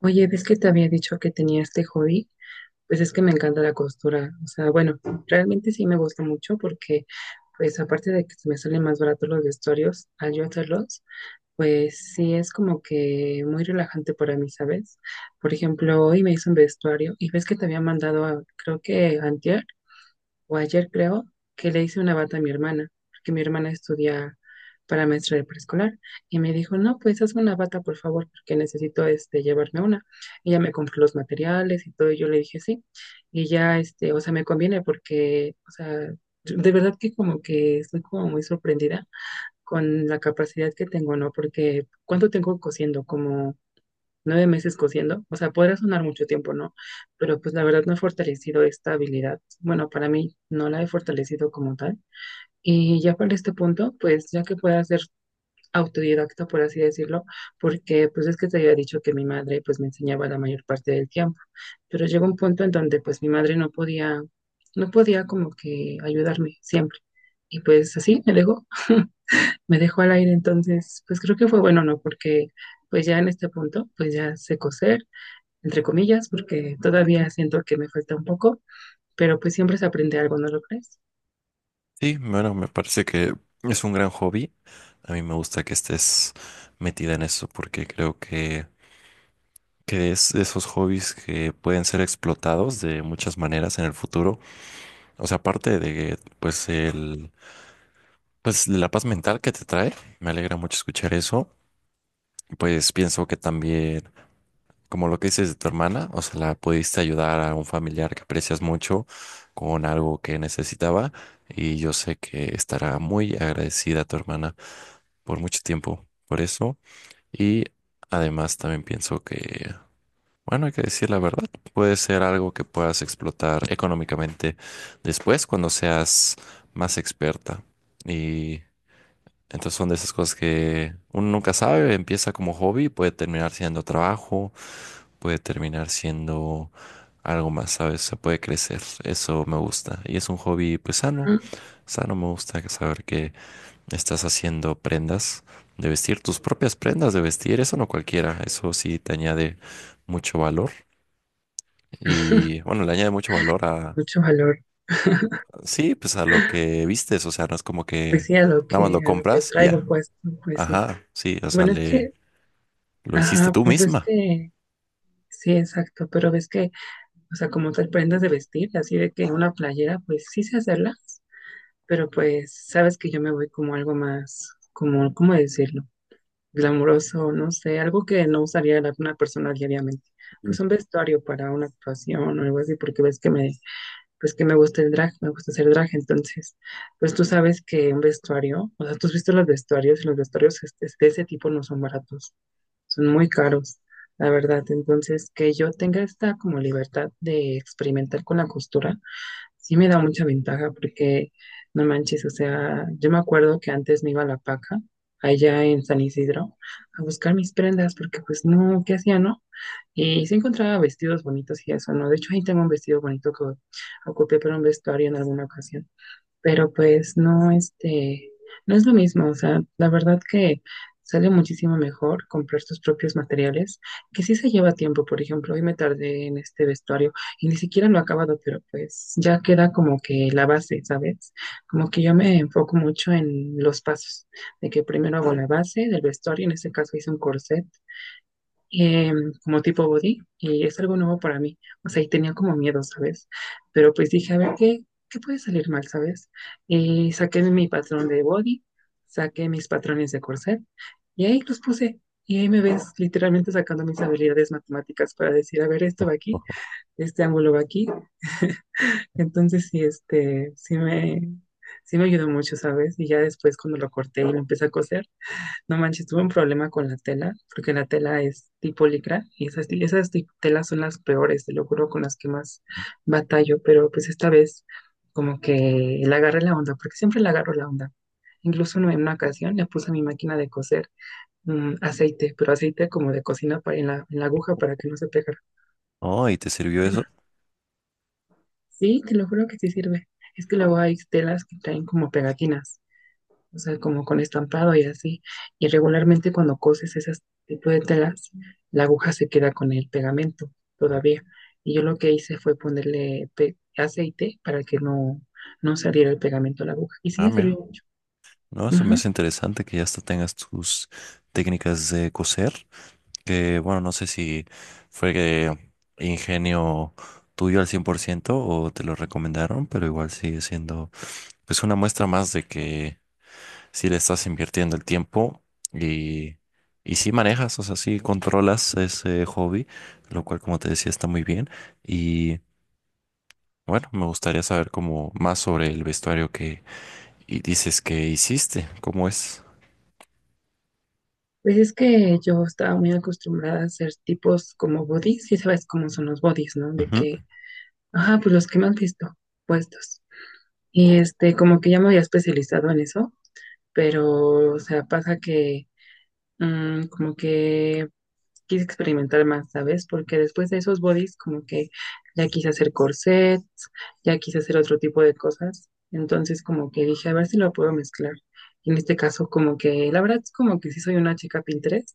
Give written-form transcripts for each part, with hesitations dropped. Oye, ¿ves que te había dicho que tenía este hobby? Pues es que me encanta la costura. Realmente sí me gusta mucho porque, pues aparte de que se me salen más baratos los vestuarios al yo hacerlos, pues sí es como que muy relajante para mí, ¿sabes? Por ejemplo, hoy me hice un vestuario y ves que te había mandado, creo que antier, o ayer creo, que le hice una bata a mi hermana, porque mi hermana estudia para maestra de preescolar, y me dijo, no, pues hazme una bata, por favor, porque necesito llevarme una. Ella me compró los materiales y todo, y yo le dije sí, y ya, me conviene porque, de verdad que como que estoy como muy sorprendida con la capacidad que tengo, ¿no? Porque, ¿cuánto tengo cosiendo? Como 9 meses cosiendo, o sea, podría sonar mucho tiempo, ¿no? Pero pues la verdad no he fortalecido esta habilidad. Bueno, para mí no la he fortalecido como tal. Y ya para este punto, pues ya que pueda ser autodidacta, por así decirlo, porque pues es que te había dicho que mi madre pues me enseñaba la mayor parte del tiempo, pero llegó un punto en donde pues mi madre no podía, como que ayudarme siempre. Y pues así me dejó, me dejó al aire, entonces pues creo que fue bueno, ¿no? Porque pues ya en este punto, pues ya sé coser, entre comillas, porque todavía siento que me falta un poco, pero pues siempre se aprende algo, ¿no lo crees? Sí, bueno, me parece que es un gran hobby. A mí me gusta que estés metida en eso porque creo que es de esos hobbies que pueden ser explotados de muchas maneras en el futuro. O sea, aparte de pues la paz mental que te trae, me alegra mucho escuchar eso. Pues pienso que también, como lo que dices de tu hermana, o sea, la pudiste ayudar a un familiar que aprecias mucho con algo que necesitaba y yo sé que estará muy agradecida a tu hermana por mucho tiempo por eso. Y además también pienso que, bueno, hay que decir la verdad, puede ser algo que puedas explotar económicamente después cuando seas más experta. Y entonces son de esas cosas que uno nunca sabe, empieza como hobby, puede terminar siendo trabajo, puede terminar siendo algo más, ¿sabes? Se puede crecer. Eso me gusta. Y es un hobby, pues sano. Ujú. Sano, me gusta que saber que estás haciendo prendas de vestir, tus propias prendas de vestir, eso no cualquiera, eso sí te añade mucho valor y bueno, le añade mucho valor a, Mucho valor, sí, pues a lo que vistes, o sea, no es como pues que sí, nada más lo a lo que compras y traigo ya, pues, pues sí. ajá, sí, o sea, Bueno, es que, le, lo hiciste ajá, tú pues es misma. que, sí, exacto, pero ves que, o sea, como tal prendas de vestir, así de que una playera, pues sí sé hacerlas, pero pues sabes que yo me voy como algo más, como, ¿cómo decirlo? Glamuroso, no sé, algo que no usaría una persona diariamente. Sí. Pues un vestuario para una actuación o algo así, porque ves que me, pues que me gusta el drag, me gusta hacer drag, entonces, pues tú sabes que un vestuario, o sea, tú has visto los vestuarios y los vestuarios de ese tipo no son baratos, son muy caros, la verdad, entonces que yo tenga esta como libertad de experimentar con la costura, sí me da mucha ventaja porque, no manches, o sea, yo me acuerdo que antes me iba a la paca, allá en San Isidro, a buscar mis prendas, porque pues no, ¿qué hacía, no? Y se encontraba vestidos bonitos y eso, ¿no? De hecho, ahí tengo un vestido bonito que ocupé para un vestuario en alguna ocasión. Pero pues no, no es lo mismo. O sea, la verdad que sale muchísimo mejor comprar tus propios materiales, que sí se lleva tiempo. Por ejemplo, hoy me tardé en este vestuario y ni siquiera lo he acabado, pero pues ya queda como que la base, ¿sabes? Como que yo me enfoco mucho en los pasos, de que primero hago la base del vestuario, en este caso hice un corset eh, como tipo body y es algo nuevo para mí. O sea, y tenía como miedo, ¿sabes? Pero pues dije, a ver, ¿qué puede salir mal, ¿sabes? Y saqué mi patrón de body, saqué mis patrones de corset y ahí los puse. Y ahí me ves literalmente sacando mis habilidades matemáticas para decir, a ver, esto va aquí, este ángulo va aquí. Entonces, sí, sí me ayudó mucho, ¿sabes? Y ya después cuando lo corté y lo empecé a coser, no manches, tuve un problema con la tela, porque la tela es tipo licra y esas, telas son las peores, te lo juro, con las que más batallo, pero pues esta vez como que le agarré la onda, porque siempre le agarro la onda. Incluso en una ocasión le puse a mi máquina de coser aceite, pero aceite como de cocina para, en la aguja para que no se pegara. Oh, ¿y te sirvió eso? Sí, te lo juro que sí sirve. Es que luego hay telas que traen como pegatinas, o sea, como con estampado y así. Y regularmente cuando coses ese tipo de telas, la aguja se queda con el pegamento todavía. Y yo lo que hice fue ponerle aceite para que no, no saliera el pegamento a la aguja. Y sí Ah, me sirvió mira, mucho. no, eso me Ujú. hace interesante que ya hasta tengas tus técnicas de coser. Que bueno, no sé si fue que ingenio tuyo al 100% o te lo recomendaron, pero igual sigue siendo pues una muestra más de que si le estás invirtiendo el tiempo y, y sí manejas, o sea, sí controlas ese hobby, lo cual como te decía está muy bien. Y bueno, me gustaría saber como más sobre el vestuario que dices que hiciste, cómo es. Pues es que yo estaba muy acostumbrada a hacer tipos como bodies, y sabes cómo son los bodies, ¿no? De Ujú, que, ajá, pues los que me han visto puestos. Y este, como que ya me había especializado en eso, pero, o sea, pasa que como que quise experimentar más, ¿sabes? Porque después de esos bodies, como que ya quise hacer corsets, ya quise hacer otro tipo de cosas. Entonces, como que dije, a ver si lo puedo mezclar. Y en este caso, como que, la verdad es como que sí soy una chica Pinterest,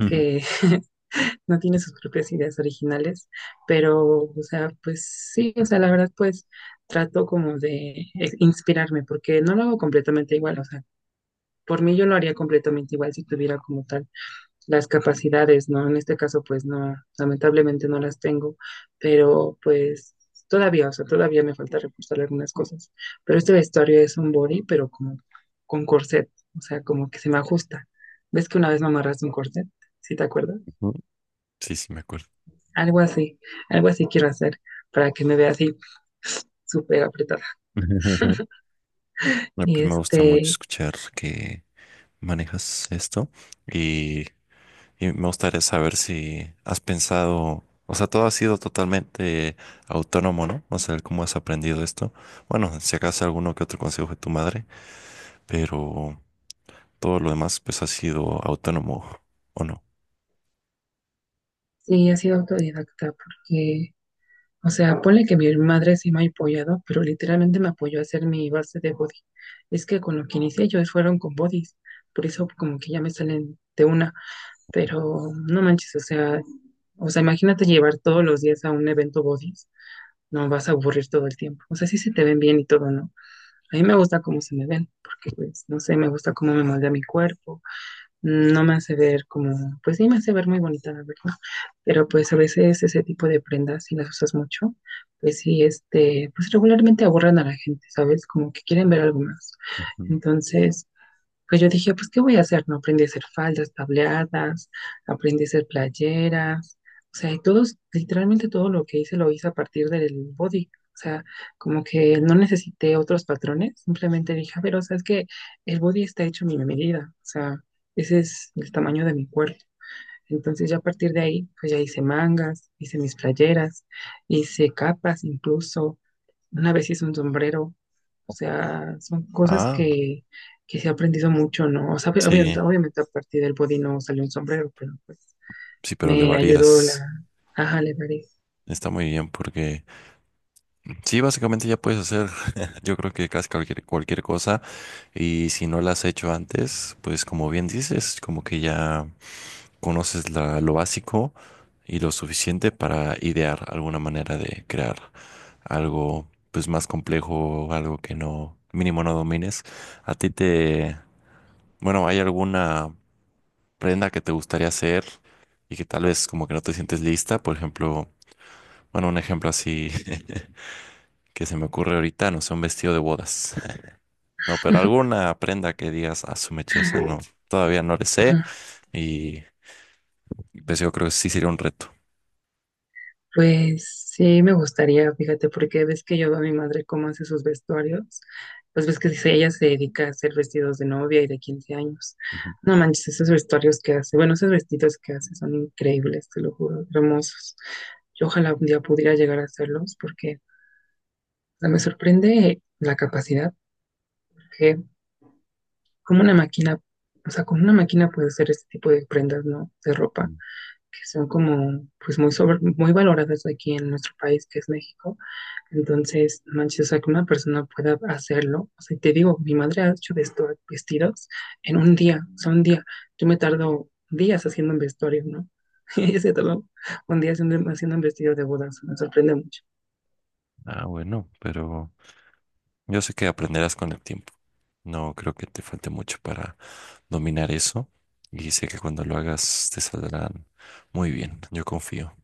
ujú, que no tiene sus propias ideas originales, pero, o sea, pues sí, o sea, la verdad, pues trato como de inspirarme, porque no lo hago completamente igual, o sea, por mí yo lo haría completamente igual si tuviera como tal las capacidades, ¿no? En este caso, pues no, lamentablemente no las tengo, pero pues todavía, o sea, todavía me falta reforzar algunas cosas. Pero este vestuario es un body, pero como con corset, o sea, como que se me ajusta. ¿Ves que una vez me amarraste un corset? ¿Sí te acuerdas? ujú. Sí, sí, me acuerdo. Algo así, algo así quiero hacer para que me vea así súper apretada. No. Y Pues me gusta mucho este, escuchar que manejas esto y, y me gustaría saber si has pensado, o sea, todo ha sido totalmente autónomo, ¿no? O sea, cómo has aprendido esto. Bueno, si acaso alguno que otro consejo de tu madre, pero todo lo demás pues ha sido autónomo, ¿o no? sí, he sido autodidacta porque, o sea, ponle que mi madre sí me ha apoyado, pero literalmente me apoyó a hacer mi base de body. Es que con lo que inicié yo fueron con bodies, por eso como que ya me salen de una, pero no manches, o sea, imagínate llevar todos los días a un evento bodies, no vas a aburrir todo el tiempo. O sea, sí se te ven bien y todo, ¿no? A mí me gusta cómo se me ven, porque pues, no sé, me gusta cómo me moldea mi cuerpo, no me hace ver como, pues sí me hace ver muy bonita, la verdad, pero pues a veces ese tipo de prendas, si las usas mucho, pues sí, pues regularmente aburren a la gente, ¿sabes? Como que quieren ver algo más. Ujú. Entonces, pues yo dije, pues, ¿qué voy a hacer? No aprendí a hacer faldas, tableadas, aprendí a hacer playeras. O sea, y todos, literalmente todo lo que hice lo hice a partir del body. O sea, como que no necesité otros patrones. Simplemente dije, a ver, o sea, es que el body está hecho a mi medida. O sea, ese es el tamaño de mi cuerpo. Entonces, ya a partir de ahí, pues ya hice mangas, hice mis playeras, hice capas, incluso una vez hice un sombrero, o sea, son cosas Ah, que se ha aprendido mucho, ¿no? O sea, obviamente, sí, obviamente a partir del body no salió un sombrero, pero pues sí, pero le me ayudó varías. ajá, le daré. Está muy bien porque sí, básicamente ya puedes hacer, yo creo que casi cualquier cosa y si no la has hecho antes, pues como bien dices, como que ya conoces la- lo básico y lo suficiente para idear alguna manera de crear algo pues más complejo, algo que no, mínimo no domines. A ti te, bueno, ¿hay alguna prenda que te gustaría hacer y que tal vez como que no te sientes lista? Por ejemplo, bueno, un ejemplo así que se me ocurre ahorita, no sé, un vestido de bodas. No, pero alguna prenda que digas, a su mecheza, no, todavía no le sé. Ajá. Y pues yo creo que sí sería un reto. Pues sí, me gustaría, fíjate, porque ves que yo veo a mi madre cómo hace sus vestuarios, pues ves que dice, ella se dedica a hacer vestidos de novia y de 15 años. Ujú. No manches, esos vestuarios que hace, bueno, esos vestidos que hace son increíbles, te lo juro, hermosos. Yo ojalá un día pudiera llegar a hacerlos, porque, o sea, me sorprende la capacidad que como una máquina, o sea, con una máquina puede hacer este tipo de prendas, ¿no? De ropa, que son como, pues muy sobre, muy valoradas aquí en nuestro país, que es México. Entonces, no manches, o sea, que una persona pueda hacerlo. O sea, te digo, mi madre ha hecho vestidos en un día, o sea, un día. Yo me tardo días haciendo un vestuario, ¿no? Ella se tardó un día haciendo, haciendo un vestido de bodas, me sorprende mucho. Ah, bueno, pero yo sé que aprenderás con el tiempo. No creo que te falte mucho para dominar eso. Y sé que cuando lo hagas te saldrán muy bien. Yo confío.